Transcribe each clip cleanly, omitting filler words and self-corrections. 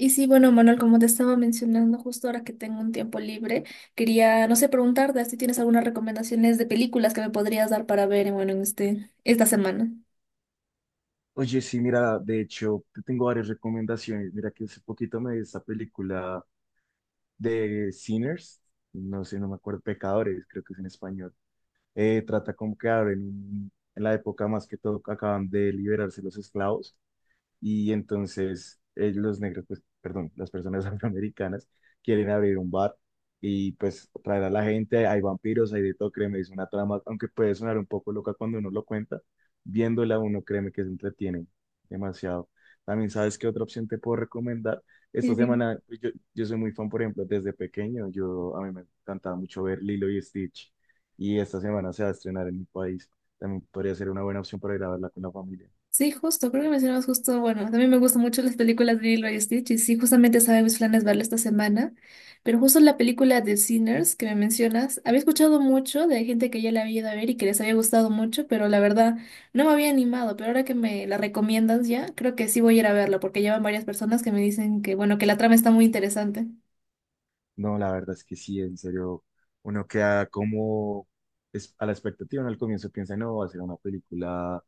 Y sí, bueno, Manuel, como te estaba mencionando, justo ahora que tengo un tiempo libre, quería, no sé, preguntarte si tienes algunas recomendaciones de películas que me podrías dar para ver, bueno, en esta semana. Oye, sí, mira, de hecho, te tengo varias recomendaciones. Mira que hace poquito me vi esta película de Sinners, no sé, no me acuerdo, Pecadores, creo que es en español. Trata como que en la época más que todo que acaban de liberarse los esclavos y entonces los negros, pues, perdón, las personas afroamericanas quieren abrir un bar y pues traer a la gente, hay vampiros, hay de todo, créeme, es una trama, aunque puede sonar un poco loca cuando uno lo cuenta, viéndola uno, créeme que se entretiene demasiado. También sabes qué otra opción te puedo recomendar. Sí, Esta dime. semana, pues, yo soy muy fan, por ejemplo, desde pequeño, yo a mí me encantaba mucho ver Lilo y Stitch y esta semana se va a estrenar en mi país. También podría ser una buena opción para ir a verla con la familia. Sí, justo, creo que mencionabas justo, bueno, también me gustan mucho las películas de Lilo y Stitch y sí, justamente estaba en mis planes verla esta semana, pero justo la película de Sinners que me mencionas, había escuchado mucho de gente que ya la había ido a ver y que les había gustado mucho, pero la verdad no me había animado, pero ahora que me la recomiendas ya, creo que sí voy a ir a verla porque llevan varias personas que me dicen que, bueno, que la trama está muy interesante. No, la verdad es que sí, en serio, uno queda como es a la expectativa, uno al comienzo piensa, no, va a ser una película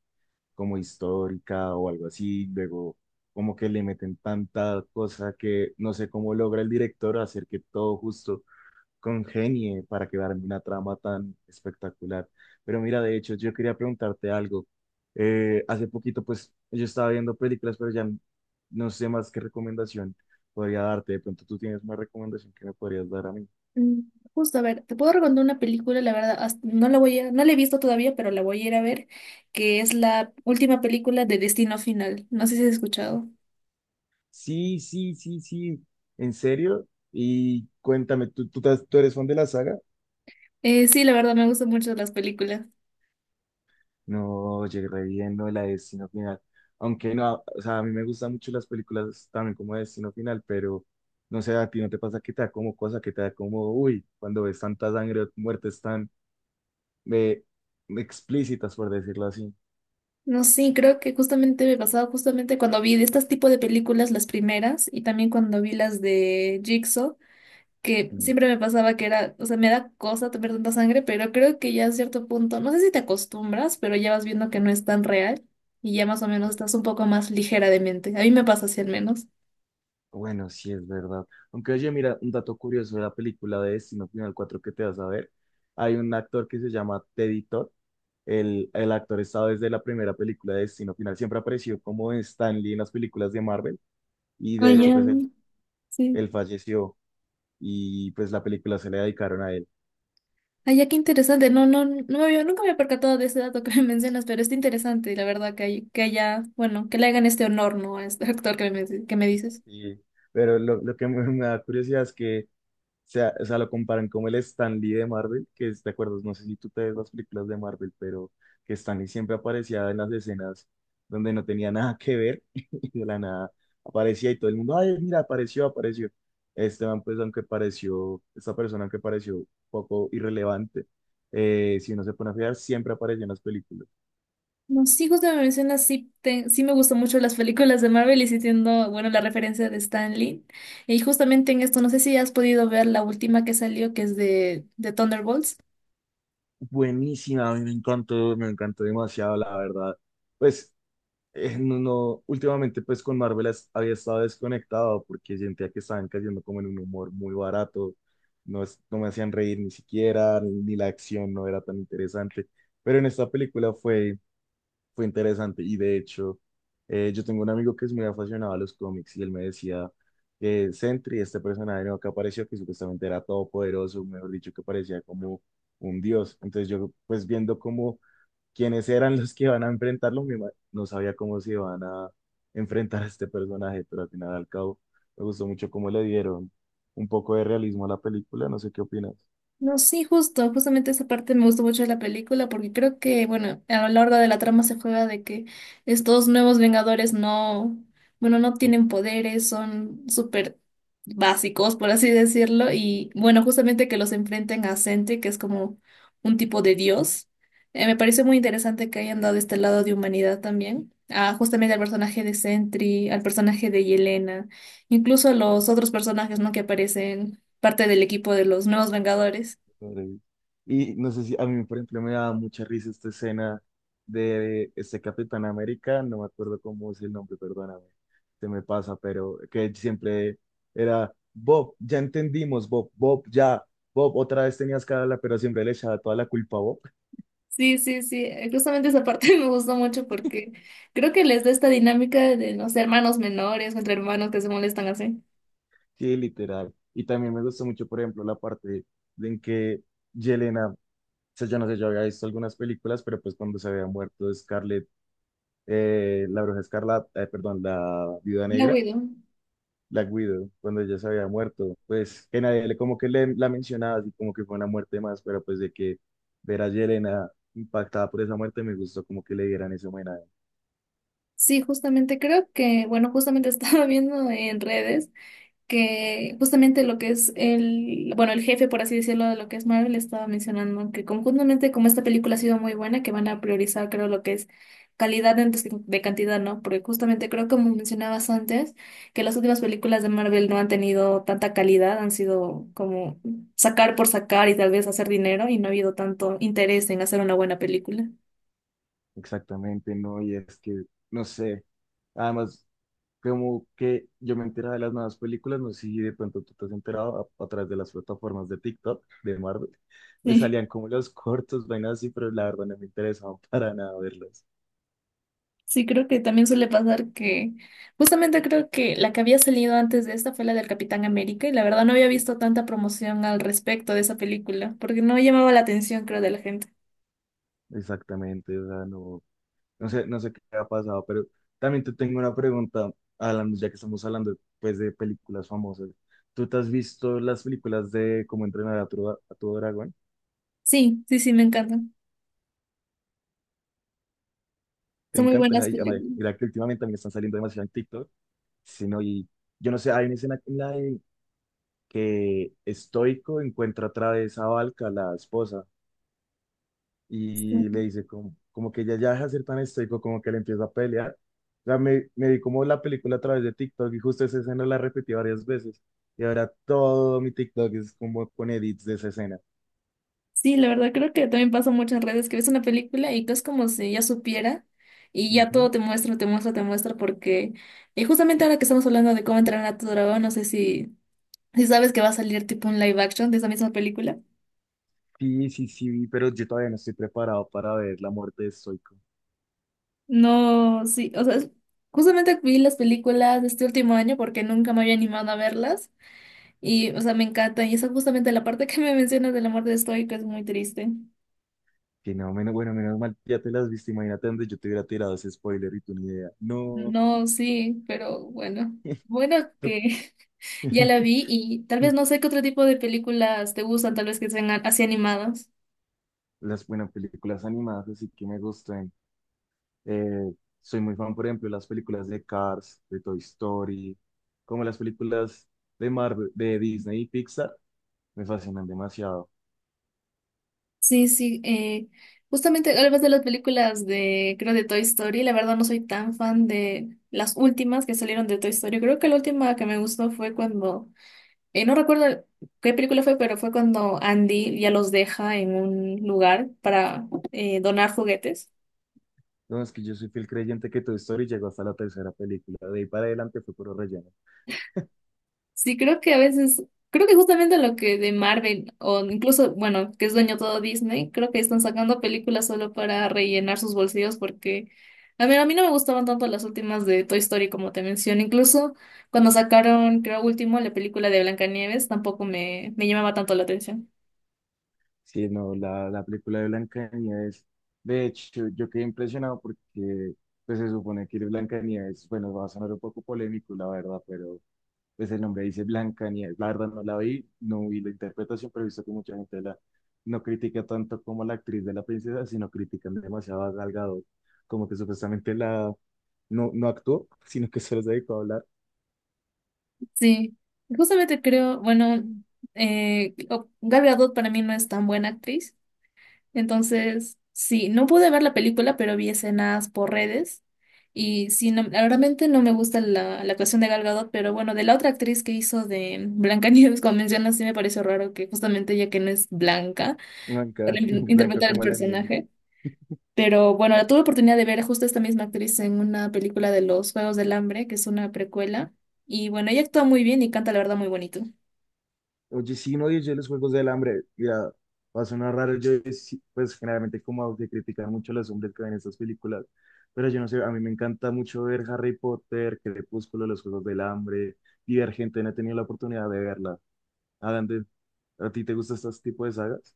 como histórica o algo así, luego como que le meten tanta cosa que no sé cómo logra el director hacer que todo justo congenie para quedar en una trama tan espectacular. Pero mira, de hecho, yo quería preguntarte algo. Hace poquito, pues, yo estaba viendo películas, no sé más qué recomendación podría darte. De pronto tú tienes una recomendación que me podrías dar a mí. Mm. Justo, a ver, te puedo recomendar una película, la verdad, no la voy a, no la he visto todavía, pero la voy a ir a ver, que es la última película de Destino Final. No sé si has escuchado. Sí, sí, sí, sí. ¿En serio? Y cuéntame, ¿tú tú eres fan de la saga? Sí, la verdad, me gustan mucho las películas. No, llegué re bien, no, la de Destino Final. Aunque no, o sea, a mí me gustan mucho las películas también como Destino Final, pero no sé, a ti no te pasa que te da como cosa, que te da como, uy, cuando ves tanta sangre o muertes tan eh, explícitas, por decirlo así. No, sí, creo que justamente me pasaba justamente cuando vi de este tipo de películas, las primeras, y también cuando vi las de Jigsaw, que Mm, siempre me pasaba que era, o sea, me da cosa tomar tanta sangre, pero creo que ya a cierto punto, no sé si te acostumbras, pero ya vas viendo que no es tan real y ya más o menos Sí. estás un poco más ligera de mente. A mí me pasa así al menos. Bueno, sí es verdad. Aunque oye, mira, un dato curioso de la película de Destino Final 4 que te vas a ver, hay un actor que se llama Teddy Todd. El actor estaba desde la primera película de Destino Final, siempre apareció como Stan Lee en las películas de Marvel y Ah, de hecho ya. pues él, Sí. él falleció y pues la película se le dedicaron a él. Ay, ya qué interesante. No me había, nunca me había percatado de ese dato que me mencionas, pero está interesante, la verdad, que hay, que haya, bueno, que le hagan este honor, ¿no? A este actor que me dices. Y- pero lo que me da curiosidad es que o sea, lo comparan como el Stan Lee de Marvel, que es, ¿te acuerdas? No sé si tú te ves las películas de Marvel, pero que Stan Lee siempre aparecía en las escenas donde no tenía nada que ver y de la nada aparecía y todo el mundo, ay, mira, apareció, apareció. Esteban, pues aunque pareció, esta persona aunque pareció poco irrelevante, si uno se pone a fijar, siempre apareció en las películas. No, sí, justo me mencionas, sí, sí me gustan mucho las películas de Marvel y sí entiendo, bueno, la referencia de Stan Lee. Y justamente en esto, no sé si has podido ver la última que salió, que es de Thunderbolts. Buenísima, a mí me encantó demasiado, la verdad. Pues, no, no, últimamente pues con Marvel había estado desconectado porque sentía que estaban cayendo como en un humor muy barato, no, no me hacían reír ni siquiera, ni la acción no era tan interesante, pero en esta película fue interesante. Y de hecho, yo tengo un amigo que es muy aficionado a los cómics y él me decía que Sentry, este personaje nuevo que apareció, que supuestamente era todopoderoso, mejor dicho, que parecía como un dios. Entonces yo, pues viendo cómo quiénes eran los que iban a enfrentarlo, no sabía cómo se iban a enfrentar a este personaje, pero al final al cabo me gustó mucho cómo le dieron un poco de realismo a la película. No sé qué opinas. No, sí, justo, justamente esa parte me gustó mucho de la película porque creo que, bueno, a lo largo de la trama se juega de que estos nuevos Vengadores no, bueno, no tienen poderes, son súper básicos, por así decirlo, y bueno, justamente que los enfrenten a Sentry, que es como un tipo de dios. Me pareció muy interesante que hayan dado este lado de humanidad también, a, justamente al personaje de Sentry, al personaje de Yelena, incluso a los otros personajes, ¿no? que aparecen parte del equipo de los Nuevos Vengadores. Pobre. Y no sé si a mí, por ejemplo, me daba mucha risa esta escena de este Capitán América, no me acuerdo cómo es el nombre, perdóname, se me pasa, pero que siempre era Bob, ya entendimos, Bob, Bob, ya, Bob, otra vez tenías que hablarla, pero siempre le echaba toda la culpa a Bob, Sí, sí, sí, justamente esa parte me gustó mucho porque creo que les da esta dinámica de, no sé, hermanos menores o entre hermanos que se molestan así. sí, literal. Y también me gustó mucho, por ejemplo, la parte de en que Yelena, o sea, yo no sé, yo había visto algunas películas, pero pues cuando se había muerto Scarlett, la Bruja Escarlata, perdón, la Viuda La Negra Widow. Black Widow, cuando ella se había muerto, pues que nadie le como que le, la mencionaba, así como que fue una muerte más, pero pues de que ver a Yelena impactada por esa muerte me gustó como que le dieran ese homenaje. Sí, justamente creo que, bueno, justamente estaba viendo en redes, que justamente lo que es el, bueno, el jefe, por así decirlo, de lo que es Marvel, estaba mencionando que conjuntamente como esta película ha sido muy buena, que van a priorizar, creo, lo que es calidad de cantidad, ¿no? Porque justamente creo, como mencionabas antes, que las últimas películas de Marvel no han tenido tanta calidad, han sido como sacar por sacar y tal vez hacer dinero y no ha habido tanto interés en hacer una buena película. Exactamente, no, y es que, no sé, además, como que yo me enteraba de las nuevas películas, no sé si de pronto tú te has enterado a través de las plataformas de TikTok, de Marvel, me salían como los cortos, vainas así, pero la verdad no me interesaba para nada verlos. Sí, creo que también suele pasar que justamente creo que la que había salido antes de esta fue la del Capitán América y la verdad no había visto tanta promoción al respecto de esa película porque no llamaba la atención creo de la gente. Exactamente, o sea, no, no sé, no sé qué ha pasado, pero también te tengo una pregunta, Alan, ya que estamos hablando pues de películas famosas. ¿Tú te has visto las películas de Cómo entrenar a a tu dragón? Sí, sí, sí, me encantan. ¿Te Son muy encantan? buenas Ay, amare, películas. mira que últimamente también están saliendo demasiado en TikTok, sino yo no sé, hay una escena en la de que Estoico encuentra otra vez a Valka, la esposa, Sí. y le dice como que ella ya deja de ser tan estoico, como que le empieza a pelear. O sea, me vi como la película a través de TikTok y justo esa escena la repetí varias veces. Y ahora todo mi TikTok es como con edits de esa escena. Sí, la verdad creo que también pasa mucho en redes que ves una película y que es como si ya supiera y ya Ujú. todo te muestra, te muestra, te muestra porque y justamente ahora que estamos hablando de cómo entrenar a tu dragón, no sé si, si sabes que va a salir tipo un live action de esa misma película. Sí, sí, sí, vi, pero yo todavía no estoy preparado para ver la muerte de Stoico. No, sí, o sea, justamente vi las películas de este último año porque nunca me había animado a verlas y, o sea, me encanta y esa es justamente la parte que me mencionas de la muerte de Stoico es muy triste. Que no, menos, bueno, menos mal, ya te las viste, imagínate donde yo te hubiera tirado ese spoiler y tú ni idea. No, No, sí, pero bueno, bueno Tú- que ya la vi y tal vez no sé qué otro tipo de películas te gustan, tal vez que sean así animadas. las buenas películas animadas, así que me gustan. Eh, Soy muy fan, por ejemplo, de las películas de Cars, de Toy Story, como las películas de Marvel, de Disney y Pixar, me fascinan demasiado. Sí, sí, justamente hablas de las películas de, creo, de Toy Story, la verdad no soy tan fan de las últimas que salieron de Toy Story, creo que la última que me gustó fue cuando no recuerdo qué película fue, pero fue cuando Andy ya los deja en un lugar para donar juguetes. Entonces, que yo soy fiel creyente que Toy Story llegó hasta la tercera película, de ahí para adelante fue puro relleno. Sí, creo que a veces, creo que justamente lo que de Marvel, o incluso, bueno, que es dueño todo Disney, creo que están sacando películas solo para rellenar sus bolsillos porque, a ver, a mí no me gustaban tanto las últimas de Toy Story como te mencioné. Incluso cuando sacaron, creo último, la película de Blancanieves, tampoco me, me llamaba tanto la atención. Sí, no, la película de Blancanieves, de hecho, yo quedé impresionado porque pues, se supone que Blancanieves, bueno, va a sonar un poco polémico, la verdad, pero pues el nombre dice Blanca Nieves. La verdad no la vi, no vi la interpretación, pero he visto que mucha gente no critica tanto como la actriz de la princesa, sino critican demasiado a Gal Gadot, como que supuestamente la no, no actuó, sino que solo se dedicó a hablar. Sí, justamente creo, bueno, Gal Gadot para mí no es tan buena actriz, entonces sí, no pude ver la película, pero vi escenas por redes y sí, no, realmente no me gusta la, la actuación de Gal Gadot, pero bueno, de la otra actriz que hizo de Blancanieves, como mencionas, sí me pareció raro que justamente ella que no es blanca, para Blanca, blanca interpretar el como la nieve. personaje. Pero bueno, la tuve oportunidad de ver justo esta misma actriz en una película de Los Juegos del Hambre, que es una precuela. Y bueno, ella actúa muy bien y canta la verdad muy bonito. Oye, sí, no yo los Juegos del Hambre. Mira, va a sonar raro. Yo, sí, pues, generalmente, como de criticar mucho a los hombres que ven estas películas. Pero yo no sé, a mí me encanta mucho ver Harry Potter, Crepúsculo, los Juegos del Hambre, Divergente. No he tenido la oportunidad de verla. Adam, ¿a ti te gustan estos tipos de sagas?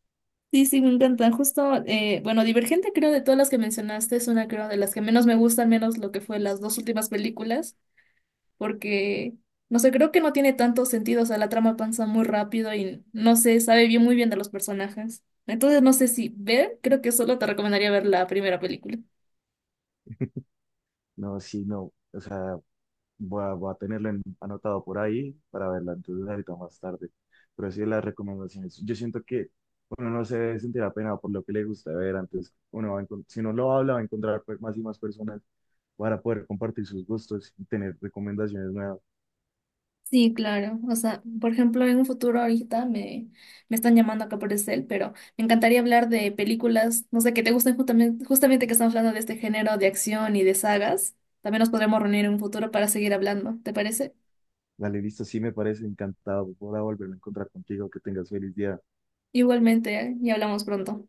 Sí, sí, me encantan. Justo, bueno, Divergente creo de todas las que mencionaste es una creo de las que menos me gusta, al menos lo que fue las dos últimas películas, porque, no sé, creo que no tiene tanto sentido, o sea, la trama avanza muy rápido y no sé, sabe bien muy bien de los personajes. Entonces, no sé si ver, creo que solo te recomendaría ver la primera película. No, sí, no. O sea, voy a, voy a anotado por ahí para verla entonces ahorita más tarde. Pero sí, las recomendaciones. Yo siento que uno no se debe sentir apenado por lo que le gusta ver. Antes, uno va a si no lo habla, va a encontrar pues, más y más personas para poder compartir sus gustos y tener recomendaciones nuevas. Sí, claro. O sea, por ejemplo, en un futuro ahorita me, me están llamando acá por el cel, pero me encantaría hablar de películas, no sé, que te gusten justamente, justamente que estamos hablando de este género de acción y de sagas. También nos podremos reunir en un futuro para seguir hablando, ¿te parece? Dale, listo, sí me parece encantado. Voy a volverme a encontrar contigo. Que tengas feliz día. Igualmente, ¿eh? Y hablamos pronto.